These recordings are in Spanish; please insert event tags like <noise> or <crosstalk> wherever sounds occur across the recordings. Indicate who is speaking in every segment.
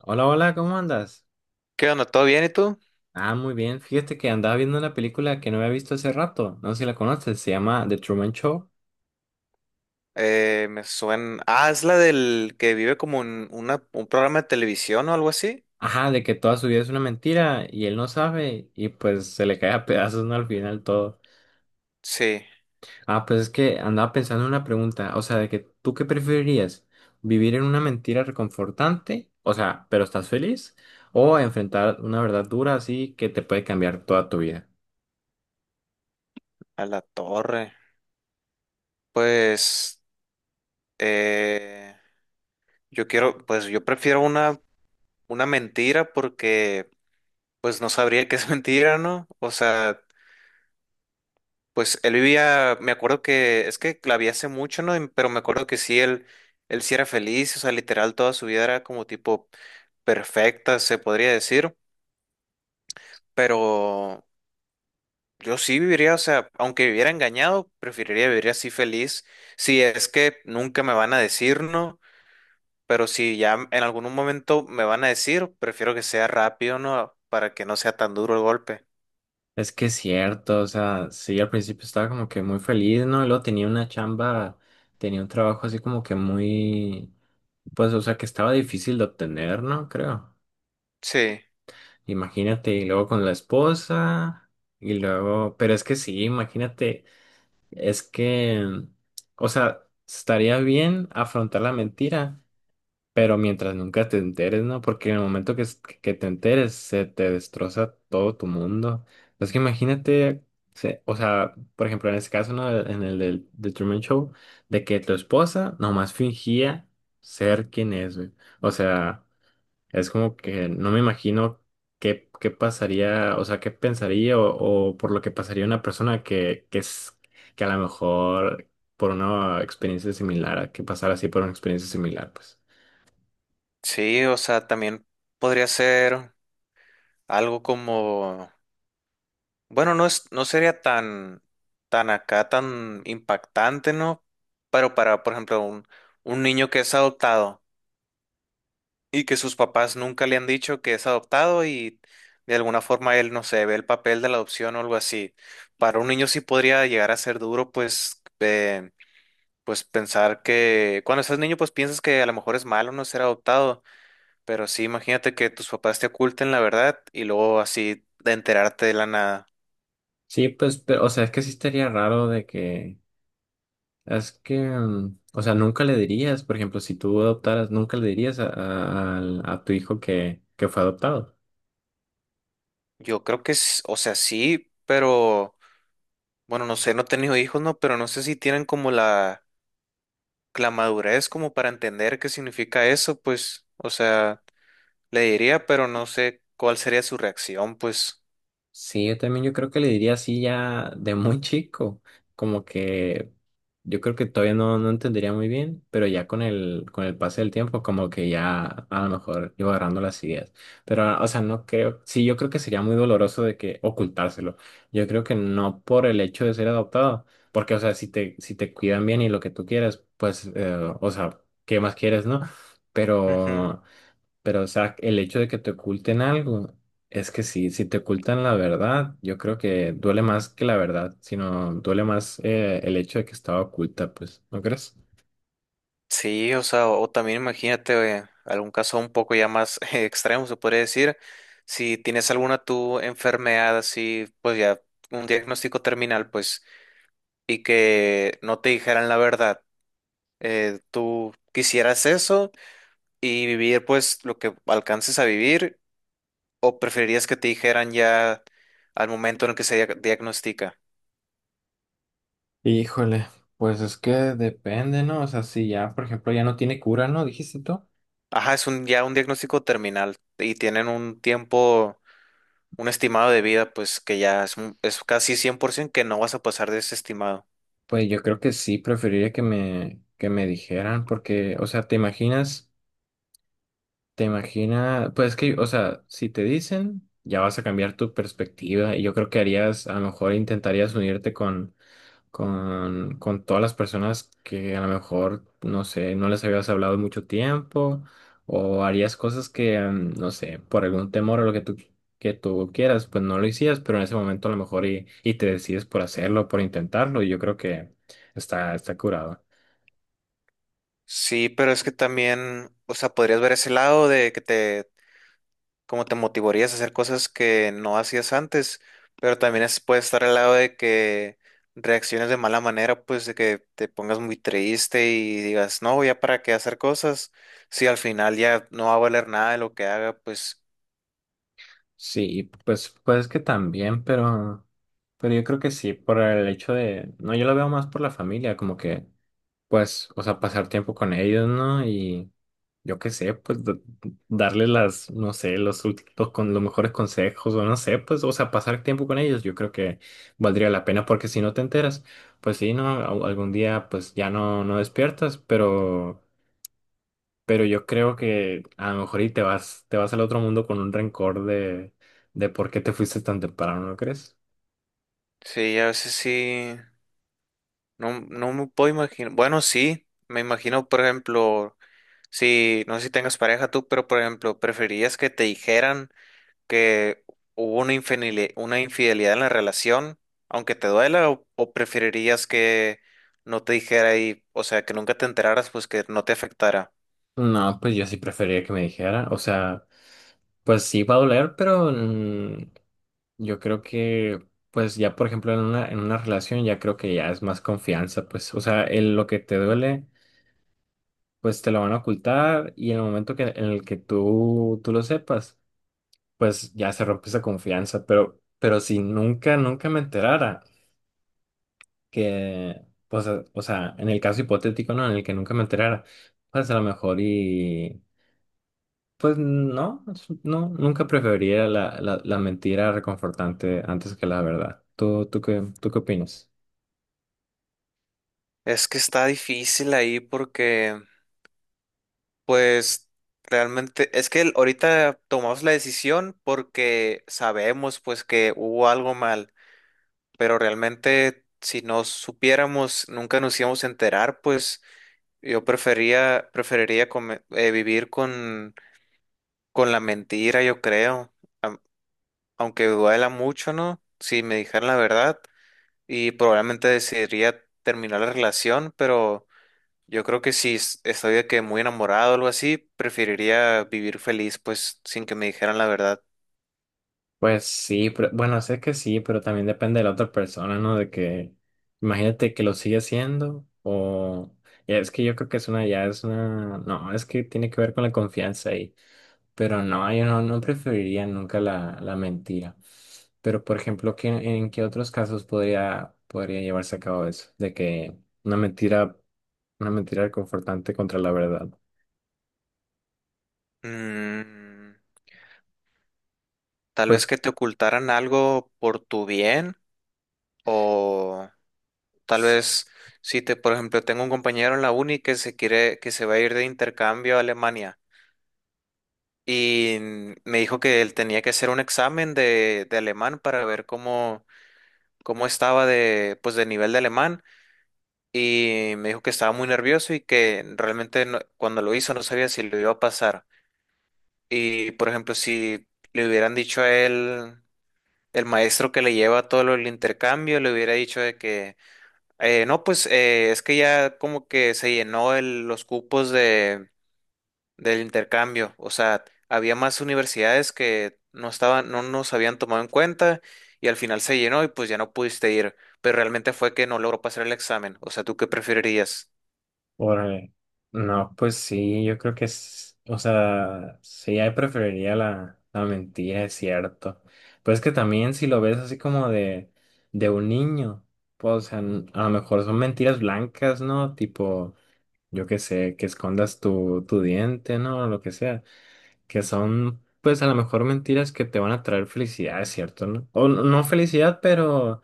Speaker 1: Hola, hola, ¿cómo andas?
Speaker 2: ¿Qué onda? ¿Todo bien y tú?
Speaker 1: Ah, muy bien. Fíjate que andaba viendo una película que no había visto hace rato. No sé si la conoces, se llama The Truman Show.
Speaker 2: Me suena. Ah, es la del que vive como en una, un programa de televisión o algo así.
Speaker 1: Ajá, de que toda su vida es una mentira y él no sabe y pues se le cae a pedazos, ¿no? Al final todo.
Speaker 2: Sí,
Speaker 1: Ah, pues es que andaba pensando en una pregunta, o sea, de que tú qué preferirías, vivir en una mentira reconfortante, o sea, pero estás feliz, o enfrentar una verdad dura así que te puede cambiar toda tu vida.
Speaker 2: a la torre. Pues eh, yo quiero, pues yo prefiero una mentira porque pues no sabría que es <laughs> mentira, ¿no? O sea, pues él vivía, me acuerdo que, es que la vi hace mucho, ¿no? Pero me acuerdo que sí, él sí era feliz, o sea, literal toda su vida era como tipo perfecta, se podría decir, pero. Yo sí viviría, o sea, aunque viviera engañado, preferiría vivir así feliz. Si es que nunca me van a decir no, pero si ya en algún momento me van a decir, prefiero que sea rápido, ¿no? Para que no sea tan duro el golpe.
Speaker 1: Es que es cierto, o sea, sí, al principio estaba como que muy feliz, ¿no? Y luego tenía una chamba, tenía un trabajo así como que muy, pues, o sea, que estaba difícil de obtener, ¿no? Creo.
Speaker 2: Sí,
Speaker 1: Imagínate, y luego con la esposa, y luego, pero es que sí, imagínate, es que, o sea, estaría bien afrontar la mentira, pero mientras nunca te enteres, ¿no? Porque en el momento que, que te enteres, se te destroza todo tu mundo. Es que imagínate, o sea, por ejemplo, en ese caso, ¿no? En el del The Truman Show, de que tu esposa nomás fingía ser quien es, güey. O sea, es como que no me imagino qué pasaría, o sea, qué pensaría o por lo que pasaría una persona es, que a lo mejor por una experiencia similar, a que pasara así por una experiencia similar, pues.
Speaker 2: sí, o sea, también podría ser algo como, bueno, no es, no sería tan, tan acá, tan impactante, ¿no? Pero para, por ejemplo, un niño que es adoptado. Y que sus papás nunca le han dicho que es adoptado y de alguna forma él, no sé, ve el papel de la adopción o algo así. Para un niño sí podría llegar a ser duro, pues, pues pensar que cuando estás niño, pues piensas que a lo mejor es malo no ser adoptado, pero sí, imagínate que tus papás te oculten la verdad y luego así de enterarte de la nada.
Speaker 1: Sí, pues, pero, o sea, es que sí estaría raro de que, es que, o sea, nunca le dirías, por ejemplo, si tú adoptaras, nunca le dirías a tu hijo que fue adoptado.
Speaker 2: Yo creo que es, o sea, sí, pero bueno, no sé, no he tenido hijos, ¿no? Pero no sé si tienen como la madurez como para entender qué significa eso, pues, o sea. Le diría, pero no sé cuál sería su reacción, pues.
Speaker 1: Sí, yo creo que le diría así ya de muy chico, como que yo creo que todavía no, no entendería muy bien, pero ya con con el pase del tiempo como que ya a lo mejor iba agarrando las ideas. Pero, ah, o sea, no creo, sí, yo creo que sería muy doloroso de que ocultárselo. Yo creo que no por el hecho de ser adoptado, porque, o sea, si te cuidan bien y lo que tú quieres, pues, o sea, ¿qué más quieres, no?
Speaker 2: Ujú.
Speaker 1: Pero... Pero, o sea, el hecho de que te oculten algo, es que sí, si te ocultan la verdad, yo creo que duele más que la verdad, sino duele más el hecho de que estaba oculta, pues, ¿no crees?
Speaker 2: Sí, o sea, o, también imagínate algún caso un poco ya más <laughs> extremo, se podría decir. Si tienes alguna tu enfermedad así, pues ya un diagnóstico terminal, pues, y que no te dijeran la verdad. ¿Tú quisieras eso y vivir pues lo que alcances a vivir, o preferirías que te dijeran ya al momento en el que se diagnostica?
Speaker 1: Híjole, pues es que depende, ¿no? O sea, si ya, por ejemplo, ya no tiene cura, ¿no? Dijiste tú.
Speaker 2: Ajá, es un, ya un diagnóstico terminal y tienen un tiempo, un estimado de vida, pues que ya es, es casi 100% que no vas a pasar de ese estimado.
Speaker 1: Pues yo creo que sí, preferiría que me dijeran, porque, o sea, te imaginas, pues es que, o sea, si te dicen, ya vas a cambiar tu perspectiva y yo creo que harías, a lo mejor intentarías unirte con todas las personas que a lo mejor, no sé, no les habías hablado en mucho tiempo o harías cosas que, no sé, por algún temor o lo que tú quieras, pues no lo hicías, pero en ese momento a lo mejor y te decides por hacerlo, por intentarlo y yo creo que está, está curado.
Speaker 2: Sí, pero es que también, o sea, podrías ver ese lado de que te, como te motivarías a hacer cosas que no hacías antes, pero también es, puede estar al lado de que reacciones de mala manera, pues de que te pongas muy triste y digas, no, ya para qué hacer cosas, si al final ya no va a valer nada de lo que haga, pues
Speaker 1: Sí, pues, pues que también, pero yo creo que sí, por el hecho de, no, yo lo veo más por la familia, como que, pues, o sea, pasar tiempo con ellos, ¿no? Yo qué sé, pues darle las, no sé, los, últimos con los mejores consejos o no sé, pues, o sea, pasar tiempo con ellos, yo creo que valdría la pena porque si no te enteras, pues sí, no, algún día pues ya no, no despiertas, pero yo creo que a lo mejor y te vas al otro mundo con un rencor de por qué te fuiste tan temprano, ¿no crees?
Speaker 2: sí, a veces sí. No, no me puedo imaginar. Bueno, sí, me imagino, por ejemplo, si, no sé si tengas pareja tú, pero por ejemplo, ¿preferirías que te dijeran que hubo una una infidelidad en la relación, aunque te duela, o preferirías que no te dijera y, o sea, que nunca te enteraras, pues que no te afectara?
Speaker 1: No, pues yo sí preferiría que me dijera, o sea, pues sí va a doler, pero yo creo que, pues ya por ejemplo en una relación ya creo que ya es más confianza, pues, o sea, lo que te duele, pues te lo van a ocultar y en el momento que, en el que tú lo sepas, pues ya se rompe esa confianza, pero si nunca, nunca me enterara que, pues, o sea, en el caso hipotético, ¿no? En el que nunca me enterara, pues a lo mejor y, pues no, no, nunca preferiría la mentira reconfortante antes que la verdad. ¿Tú, tú qué opinas?
Speaker 2: Es que está difícil ahí porque, pues, realmente, es que ahorita tomamos la decisión porque sabemos, pues, que hubo algo mal, pero realmente si no supiéramos, nunca nos íbamos a enterar, pues yo prefería, preferiría vivir con la mentira, yo creo, am- aunque duela mucho, ¿no? Si me dijeran la verdad y probablemente decidiría terminar la relación, pero yo creo que si estoy de que muy enamorado o algo así, preferiría vivir feliz, pues sin que me dijeran la verdad.
Speaker 1: Pues sí, pero bueno, sé que sí, pero también depende de la otra persona, ¿no? De que, imagínate que lo sigue haciendo o... ya, es que yo creo que es una, ya es una... No, es que tiene que ver con la confianza ahí. Pero no, yo no, no preferiría nunca la, la mentira. Pero, por ejemplo, ¿qué, en qué otros casos podría llevarse a cabo eso? De que una mentira, una mentira reconfortante contra la verdad.
Speaker 2: Mm, tal vez
Speaker 1: Pues...
Speaker 2: que te ocultaran algo por tu bien o... Tal vez si te, por ejemplo, tengo un compañero en la uni que se quiere, que se va a ir de intercambio a Alemania y me dijo que él tenía que hacer un examen de alemán para ver cómo, cómo estaba de, pues, de nivel de alemán y me dijo que estaba muy nervioso y que realmente cuando lo hizo no sabía si lo iba a pasar. Y, por ejemplo, si le hubieran dicho a él, el maestro que le lleva todo lo del intercambio, le hubiera dicho de que no, pues es que ya como que se llenó los cupos de, del intercambio. O sea, había más universidades que no estaban, no nos habían tomado en cuenta y al final se llenó y pues ya no pudiste ir. Pero realmente fue que no logró pasar el examen. O sea, ¿tú qué preferirías?
Speaker 1: Órale. No, pues sí, yo creo que es, o sea, sí, ahí preferiría la, la mentira, es cierto. Pues que también si lo ves así como de un niño, pues, o sea, a lo mejor son mentiras blancas, ¿no? Tipo, yo qué sé, que escondas tu, tu diente, ¿no? Lo que sea. Que son, pues, a lo mejor mentiras que te van a traer felicidad, es cierto, ¿no? O no felicidad,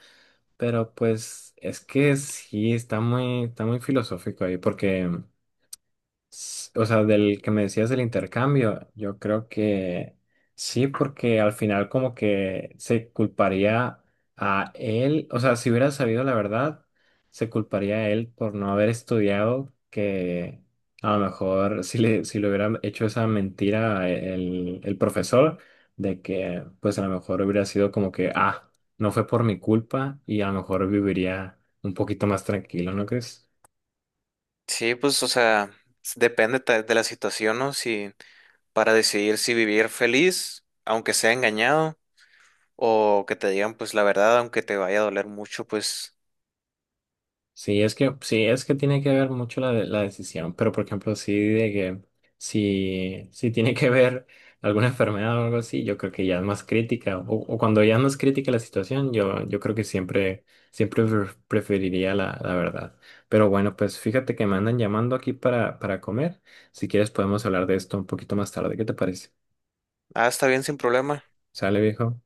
Speaker 1: pero pues, es que sí, está muy filosófico ahí, porque... o sea, del que me decías del intercambio, yo creo que sí, porque al final como que se culparía a él, o sea, si hubiera sabido la verdad, se culparía a él por no haber estudiado, que a lo mejor si le hubiera hecho esa mentira el profesor, de que pues a lo mejor hubiera sido como que, ah, no fue por mi culpa y a lo mejor viviría un poquito más tranquilo, ¿no crees?
Speaker 2: Sí, pues, o sea, de la situación, ¿no? Si para decidir si vivir feliz, aunque sea engañado, o que te digan pues la verdad, aunque te vaya a doler mucho, pues,
Speaker 1: Sí, es que tiene que ver mucho la, la decisión, pero por ejemplo, sí de que si, si tiene que ver alguna enfermedad o algo así, yo creo que ya es más crítica, o cuando ya no es crítica la situación, yo creo que siempre, siempre preferiría la, la verdad. Pero bueno, pues fíjate que me andan llamando aquí para comer, si quieres podemos hablar de esto un poquito más tarde, ¿qué te parece?
Speaker 2: ah, está bien sin problema.
Speaker 1: ¿Sale, viejo?